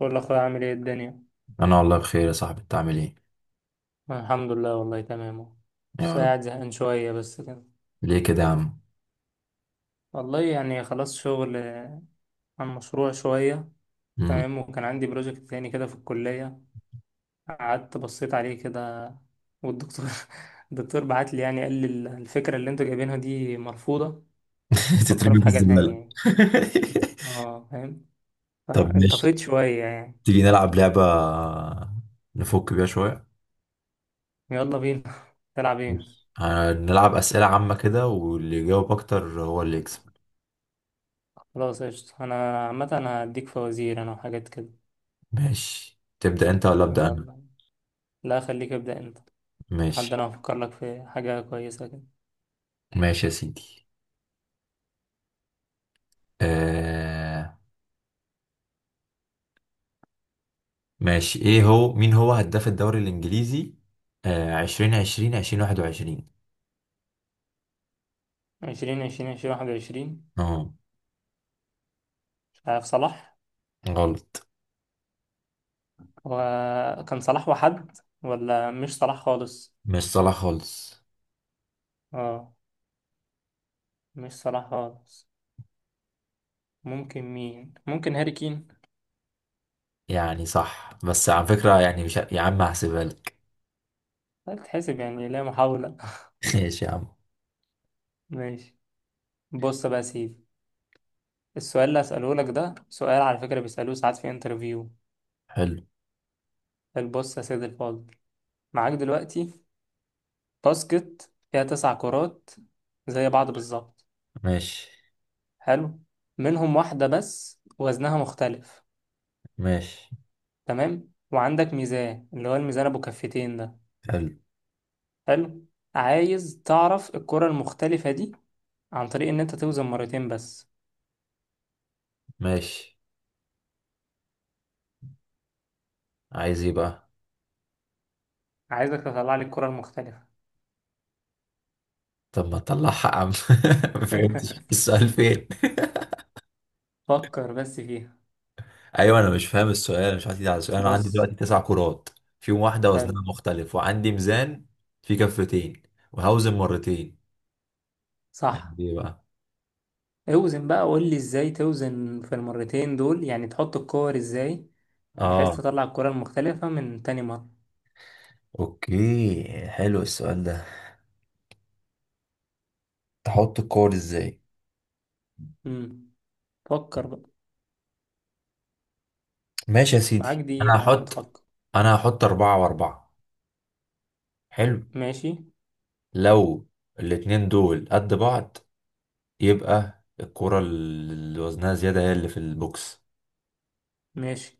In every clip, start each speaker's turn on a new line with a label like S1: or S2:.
S1: بقول لأخويا عامل ايه الدنيا؟
S2: انا والله بخير يا صاحبي، انت عامل ايه؟
S1: الحمد لله، والله تمام اهو. بس
S2: يا رب.
S1: قاعد زهقان شوية بس كده.
S2: ليه كده يا عم؟
S1: والله يعني خلاص شغل، عن مشروع شوية.
S2: مم.
S1: تمام، وكان عندي بروجكت تاني كده في الكلية، قعدت بصيت عليه كده والدكتور الدكتور بعت لي، يعني قال لي الفكرة اللي انتوا جايبينها دي مرفوضة، فكروا
S2: تترمي
S1: في
S2: في
S1: حاجة تانية
S2: الزباله.
S1: يعني. اه، فاهم.
S2: طب ماشي،
S1: فانطفيت شوية يعني.
S2: تيجي نلعب لعبه نفك بيها شويه.
S1: يلا بينا. تلعب ايه؟
S2: ماشي. هنلعب اسئله عامه كده واللي يجاوب اكتر هو اللي يكسب.
S1: خلاص، قشطة، انا عامة انا هديك فوازير انا وحاجات كده.
S2: ماشي، تبدا انت ولا ابدا انا؟
S1: يلا. لا، خليك ابدأ انت. حد،
S2: ماشي.
S1: انا هفكر لك في حاجة كويسة كده.
S2: ماشي يا سيدي. آه... ماشي. ايه هو؟ مين هو هداف الدوري الانجليزي 2020 2021؟
S1: 2020، 2021.
S2: اه.
S1: مش عارف، صلاح.
S2: غلط.
S1: وكان صلاح وحد، ولا مش صلاح خالص.
S2: مش صلاح خالص.
S1: اه، مش صلاح خالص. ممكن مين، ممكن هاري كين.
S2: يعني صح، بس على فكرة، يعني مش، يا عم هحسبها لك.
S1: طيب تحسب يعني، لا محاولة.
S2: ماشي يا عم.
S1: ماشي. بص بقى يا سيدي، السؤال اللي هسأله لك ده سؤال على فكرة بيسألوه ساعات في انترفيو.
S2: حلو.
S1: البص يا سيدي الفاضل، معاك دلوقتي باسكت فيها تسع كرات، زي بعض بالظبط.
S2: ماشي.
S1: حلو. منهم واحدة بس وزنها مختلف.
S2: ماشي.
S1: تمام، وعندك ميزان، اللي هو الميزان ابو كفتين ده.
S2: حلو.
S1: حلو. عايز تعرف الكرة المختلفة دي عن طريق ان انت توزن مرتين بس.
S2: ماشي. عايز ايه بقى؟
S1: عايزك تطلع لي الكرة المختلفة.
S2: طب ما تطلعها يا عم. ما فهمتش السؤال فين.
S1: فكر بس فيها.
S2: ايوه، انا مش فاهم السؤال، أنا مش عارف على السؤال. انا عندي
S1: بص.
S2: دلوقتي تسع كرات، فيهم واحدة
S1: حلو.
S2: وزنها مختلف، وعندي ميزان فيه كفتين، وهوزن مرتين.
S1: صح.
S2: عندي ايه بقى؟
S1: اوزن بقى، قول لي ازاي توزن في المرتين دول، يعني تحط الكور ازاي بحيث
S2: اه،
S1: تطلع الكرة المختلفة من تاني مرة.
S2: اوكي، حلو السؤال ده. تحط الكور ازاي؟
S1: امم فكر بقى.
S2: ماشي يا
S1: معاك
S2: سيدي، انا
S1: دقيقة يا عم
S2: هحط.
S1: تفكر.
S2: انا هحط اربعة واربعة. حلو.
S1: ماشي.
S2: لو الاتنين دول قد بعض، يبقى الكرة اللي وزنها زيادة هي اللي في البوكس.
S1: ماشي.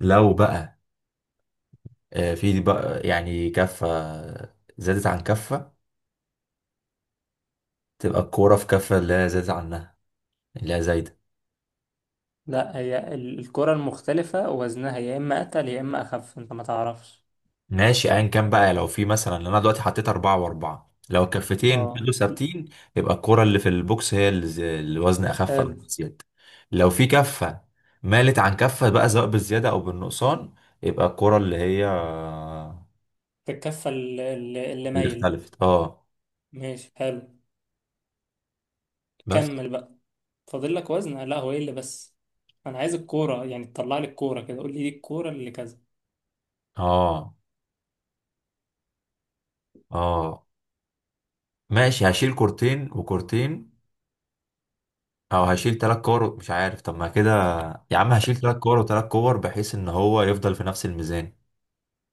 S2: لو بقى في بقى يعني كفة زادت عن كفة، تبقى الكرة في كفة اللي هي زادت عنها، اللي هي زايدة.
S1: لا، هي الكرة المختلفة وزنها يا إما أتقل يا إما أخف، أنت ما تعرفش.
S2: ماشي ايا كان بقى. لو في مثلا، انا دلوقتي حطيت أربعة وأربعة، لو الكفتين
S1: اه.
S2: فضلوا ثابتين، يبقى الكرة اللي في البوكس هي اللي الوزن أخف أو
S1: حلو.
S2: زيادة. لو في كفة مالت عن كفة بقى، سواء بالزيادة أو بالنقصان، يبقى الكرة اللي هي
S1: الكفة اللي
S2: اللي
S1: مايلة.
S2: اختلفت. اه.
S1: ماشي، حلو.
S2: بس.
S1: كمل بقى. فاضل لك وزن، لا هو إيه اللي بس. أنا عايز الكورة يعني، تطلع لي الكورة كده، قول لي دي الكورة اللي كذا.
S2: اه اه ماشي. هشيل كورتين وكورتين، او هشيل تلات كور، مش عارف. طب ما كده يا عم، هشيل تلات كور وتلات كور بحيث ان هو يفضل في نفس الميزان.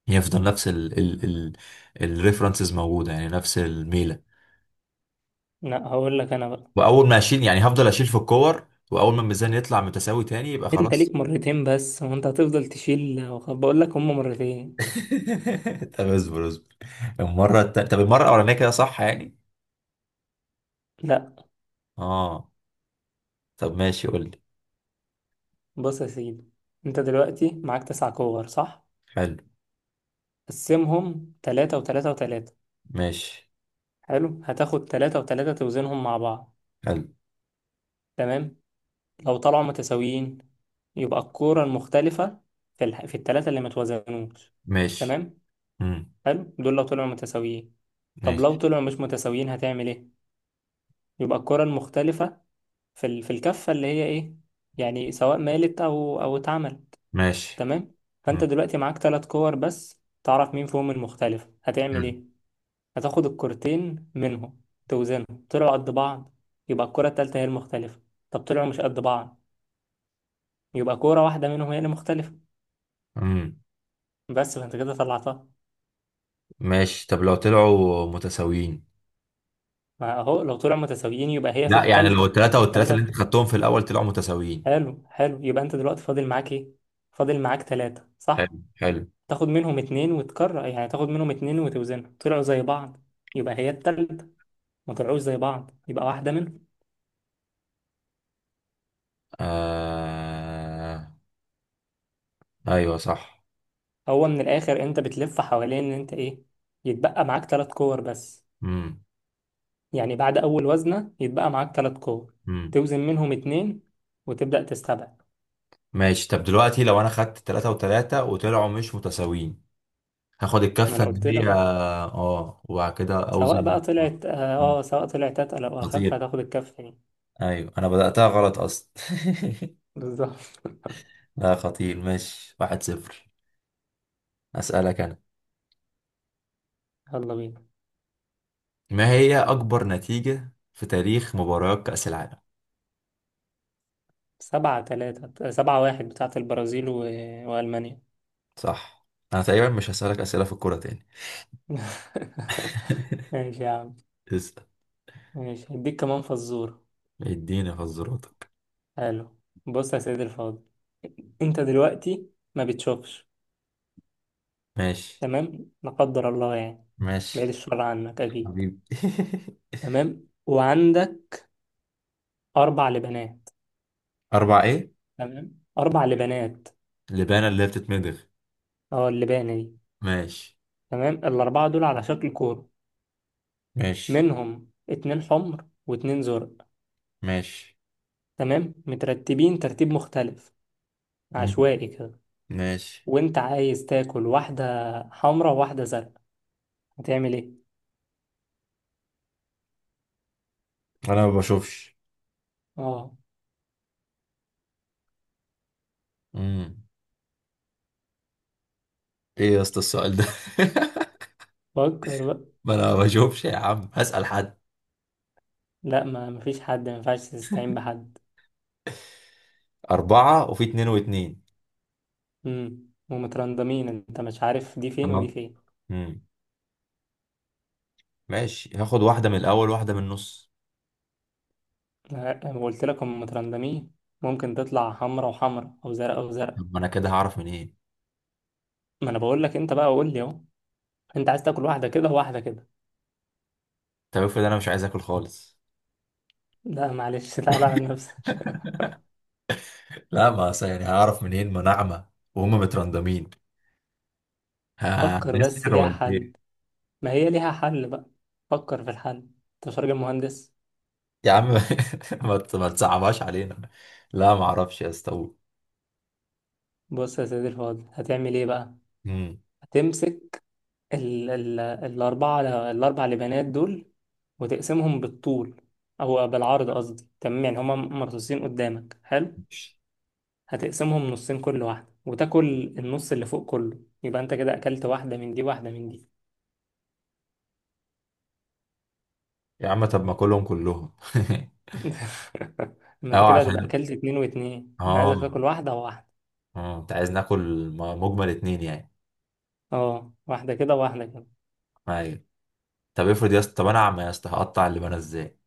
S2: يفضل نفس ال الريفرنسز موجودة، يعني نفس الميلة.
S1: لا، هقول لك أنا بقى.
S2: وأول ما أشيل يعني هفضل أشيل في الكور، وأول ما الميزان يطلع متساوي تاني يبقى
S1: أنت
S2: خلاص.
S1: ليك مرتين بس، وأنت هتفضل تشيل بقول لك هما مرتين.
S2: طب اصبر اصبر. طب المرة الأولانية كده صح يعني؟
S1: لا.
S2: اه. طب ماشي، قول لي.
S1: بص يا سيدي، أنت دلوقتي معاك تسع كور صح؟
S2: حلو.
S1: قسمهم تلاتة وتلاتة وتلاتة.
S2: ماشي.
S1: حلو، هتاخد تلاتة وتلاتة توزنهم مع بعض.
S2: حلو.
S1: تمام. لو طلعوا متساويين، يبقى الكورة المختلفة في التلاتة اللي متوازنوش.
S2: ماشي.
S1: تمام.
S2: مم.
S1: حلو، دول لو طلعوا متساويين. طب لو
S2: ماشي.
S1: طلعوا مش متساويين، هتعمل ايه؟ يبقى الكورة المختلفة في الكفة اللي هي ايه، يعني سواء مالت او اتعمل.
S2: ماشي.
S1: تمام. فانت
S2: مم.
S1: دلوقتي معاك تلات كور بس، تعرف مين فيهم المختلفة، هتعمل ايه؟ هتاخد الكرتين منهم، توزنهم طلعوا قد بعض يبقى الكرة التالتة هي المختلفة. طب طلعوا مش قد بعض، يبقى كرة واحدة منهم هي اللي مختلفة
S2: مم.
S1: بس. فانت كده طلعتها.
S2: ماشي. طب لو طلعوا متساويين.
S1: ما اهو لو طلعوا متساويين يبقى هي في
S2: لا، يعني لو
S1: التالتة.
S2: التلاتة
S1: في
S2: والتلاتة اللي
S1: التلاتة.
S2: انت خدتهم في الأول طلعوا متساويين.
S1: حلو، حلو، يبقى انت دلوقتي فاضل معاك ايه؟ فاضل معاك تلاتة صح.
S2: حلو حلو.
S1: تاخد منهم اتنين وتكرر، يعني تاخد منهم اتنين وتوزنهم، طلعوا زي بعض يبقى هي التالتة، ما طلعوش زي بعض يبقى واحدة منهم.
S2: آه... ايوه صح.
S1: هو من الآخر انت بتلف حوالين ان انت ايه، يتبقى معاك تلات كور بس،
S2: امم.
S1: يعني بعد أول وزنة يتبقى معاك تلات كور،
S2: امم.
S1: توزن منهم اتنين وتبدأ تستبعد.
S2: ماشي. طب دلوقتي لو انا خدت تلاتة وتلاتة وطلعوا مش متساويين، هاخد
S1: ما
S2: الكفة
S1: أنا قلت لك
S2: اللي هي،
S1: أهو.
S2: اه، وبعد كده
S1: سواء
S2: اوزن.
S1: بقى طلعت آه
S2: مم.
S1: آه، سواء طلعت أتقل أو أخف
S2: خطير.
S1: هتاخد الكف يعني.
S2: ايوه، انا بدأتها غلط اصلا.
S1: بالظبط.
S2: لا، خطير. ماشي، واحد صفر. اسألك انا.
S1: يلا بينا.
S2: ما هي اكبر نتيجة في تاريخ مباريات كأس العالم؟
S1: 7-3، 7-1، بتاعة البرازيل وألمانيا.
S2: صح. انا تقريبا مش هسألك اسئلة في الكورة تاني.
S1: ماشي يا عم.
S2: اسأل.
S1: ماشي، هديك كمان فزورة.
S2: اديني حظراتك.
S1: حلو. بص يا سيدي الفاضل، أنت دلوقتي ما بتشوفش.
S2: ماشي.
S1: تمام، لا قدر الله يعني، بعيد
S2: ماشي.
S1: الشر عنك أكيد.
S2: حبيبي.
S1: تمام، وعندك أربع لبنات.
S2: أربع إيه؟
S1: تمام، أربع لبانات.
S2: لبانة اللي هي بتتمضغ.
S1: أه، اللبانة دي.
S2: ماشي.
S1: تمام، الأربعة دول على شكل كورة،
S2: ماشي.
S1: منهم اتنين حمر واتنين زرق.
S2: ماشي.
S1: تمام، مترتبين ترتيب مختلف،
S2: مم.
S1: عشوائي كده.
S2: ماشي.
S1: وأنت عايز تاكل واحدة حمرا وواحدة زرق، هتعمل إيه؟
S2: أنا ما بشوفش.
S1: أه
S2: مم. إيه يا اسطى السؤال ده؟
S1: فكر بقى.
S2: ما أنا ما بشوفش يا عم، هسأل حد.
S1: لا، ما مفيش حد، ما ينفعش تستعين بحد.
S2: أربعة، وفي اتنين واتنين.
S1: ومترندمين، أنت مش عارف دي فين ودي
S2: تمام.
S1: فين.
S2: مم. ماشي، هاخد واحدة من الأول واحدة من النص.
S1: لا، أنا قلت لك هم مترندمين، ممكن تطلع حمرا وحمرا أو زرق أو زرق.
S2: طب ما أنا كده هعرف منين؟
S1: ما أنا بقول لك أنت بقى، قول لي أهو. انت عايز تاكل واحدة كده واحدة كده.
S2: طب افرض أنا مش عايز آكل خالص.
S1: لا معلش، تعالى على نفسك.
S2: لا، ما أصل يعني هعرف منين، ما ناعمة وهم مترندمين.
S1: فكر بس
S2: هنسحر
S1: ليها
S2: ولا إيه؟
S1: حل، ما هي ليها حل بقى، فكر في الحل، انت مش راجل مهندس.
S2: يا عم، ما تصعبهاش علينا. لا، ما اعرفش يا اسطى.
S1: بص يا سيدي الفاضل، هتعمل ايه بقى؟
S2: امم.
S1: هتمسك ال ال الأربعة، الأربع لبنات دول، وتقسمهم بالطول أو بالعرض قصدي، تمام يعني هما مرصوصين قدامك حلو. هتقسمهم نصين كل واحدة، وتاكل النص اللي فوق كله، يبقى انت كده أكلت واحدة من دي واحدة من دي.
S2: يا عم، طب ما كلهم كلهم.
S1: ما انت
S2: اه
S1: كده هتبقى
S2: عشان،
S1: اكلت اتنين واتنين، انا عايزك
S2: اه
S1: تاكل واحدة وواحدة.
S2: اه انت عايز ناكل مجمل اتنين يعني.
S1: اه، واحدة كده وواحدة كده.
S2: ايوه. طب افرض يا اسطى، طب انا عم يا اسطى، هقطع اللي انا ازاي؟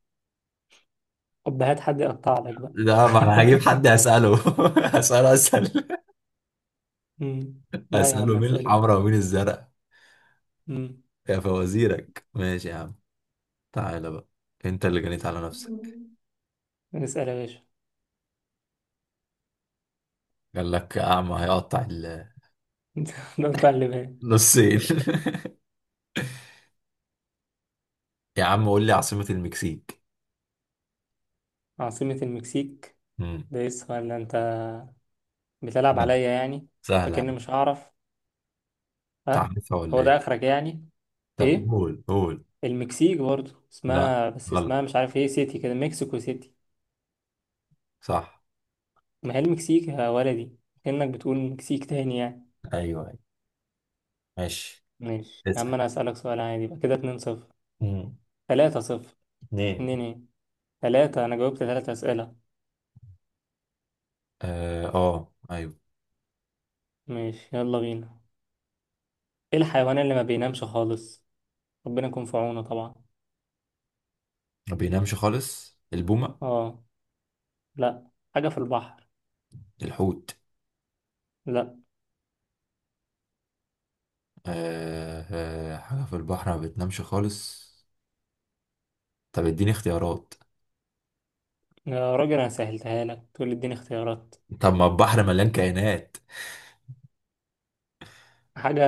S1: طب هات حد يقطع لك بقى.
S2: لا، ما انا هجيب حد اساله. اساله، اسال.
S1: مم. لا يا عم،
S2: اساله
S1: ما
S2: مين
S1: تسأله.
S2: الحمراء ومين الزرق.
S1: مم.
S2: يا فوازيرك. ماشي يا عم، تعالى بقى. انت اللي جنيت على نفسك.
S1: اسأل يا باشا.
S2: قال لك اعمى هيقطع
S1: انت، قطع اللي بالك.
S2: النصين. يا عم قول لي عاصمة المكسيك.
S1: عاصمة المكسيك.
S2: مم.
S1: ده ايه السؤال ده؟ انت بتلعب
S2: لا،
S1: عليا يعني،
S2: سهلة.
S1: فكأني مش هعرف. ها.
S2: تعرفها ولا
S1: هو ده
S2: ايه؟
S1: اخرك يعني؟
S2: طب
S1: ايه؟
S2: قول قول.
S1: المكسيك برضه
S2: لا.
S1: اسمها، بس
S2: غلط.
S1: اسمها مش عارف ايه سيتي كده، مكسيكو سيتي.
S2: صح.
S1: ما هي المكسيك يا ولدي، كأنك بتقول مكسيك تاني يعني.
S2: ايوه ايوه. ماشي.
S1: ماشي يا عم،
S2: اسأل.
S1: انا هسألك سؤال عادي، يبقى كده 2-0.
S2: مم.
S1: 3-0.
S2: اتنين.
S1: اتنين ايه؟ تلاتة، انا جاوبت تلاتة اسئلة.
S2: ايوه.
S1: ماشي، يلا بينا. ايه الحيوان اللي ما بينامش خالص؟ ربنا يكون في عونه طبعا.
S2: ما بينامش خالص؟ البومة.
S1: اه. لا، حاجة في البحر.
S2: الحوت.
S1: لا،
S2: حاجة في البحر ما بتنامش خالص. طب اديني اختيارات.
S1: يا راجل انا سهلتها لك تقول لي اديني اختيارات.
S2: طب ما البحر مليان كائنات.
S1: حاجة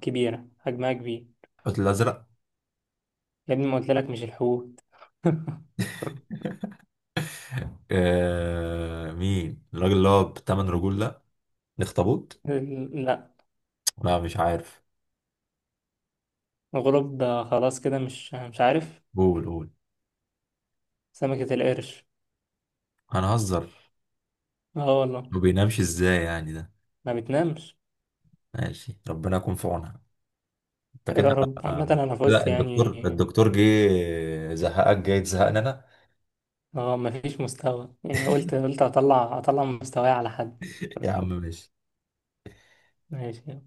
S1: كبيرة، حجمها كبير.
S2: الحوت الأزرق.
S1: يا ابني ما قلت لك مش الحوت.
S2: آه، مين الراجل اللي هو بتمن رجول ده. الاخطبوط.
S1: لا.
S2: لا، مش عارف.
S1: الغراب ده خلاص كده، مش عارف.
S2: قول قول.
S1: سمكة القرش.
S2: هنهزر.
S1: اه والله.
S2: ما بينامش ازاي يعني ده.
S1: ما بتنامش.
S2: ماشي، ربنا يكون في عونها. انت كده.
S1: يا رب. عامة أنا فزت
S2: لا،
S1: يعني.
S2: الدكتور جه زهقك جاي تزهقنا انا.
S1: اه، مفيش مستوى يعني، قلت اطلع مستواي على حد.
S2: يا عم ماشي.
S1: ماشي.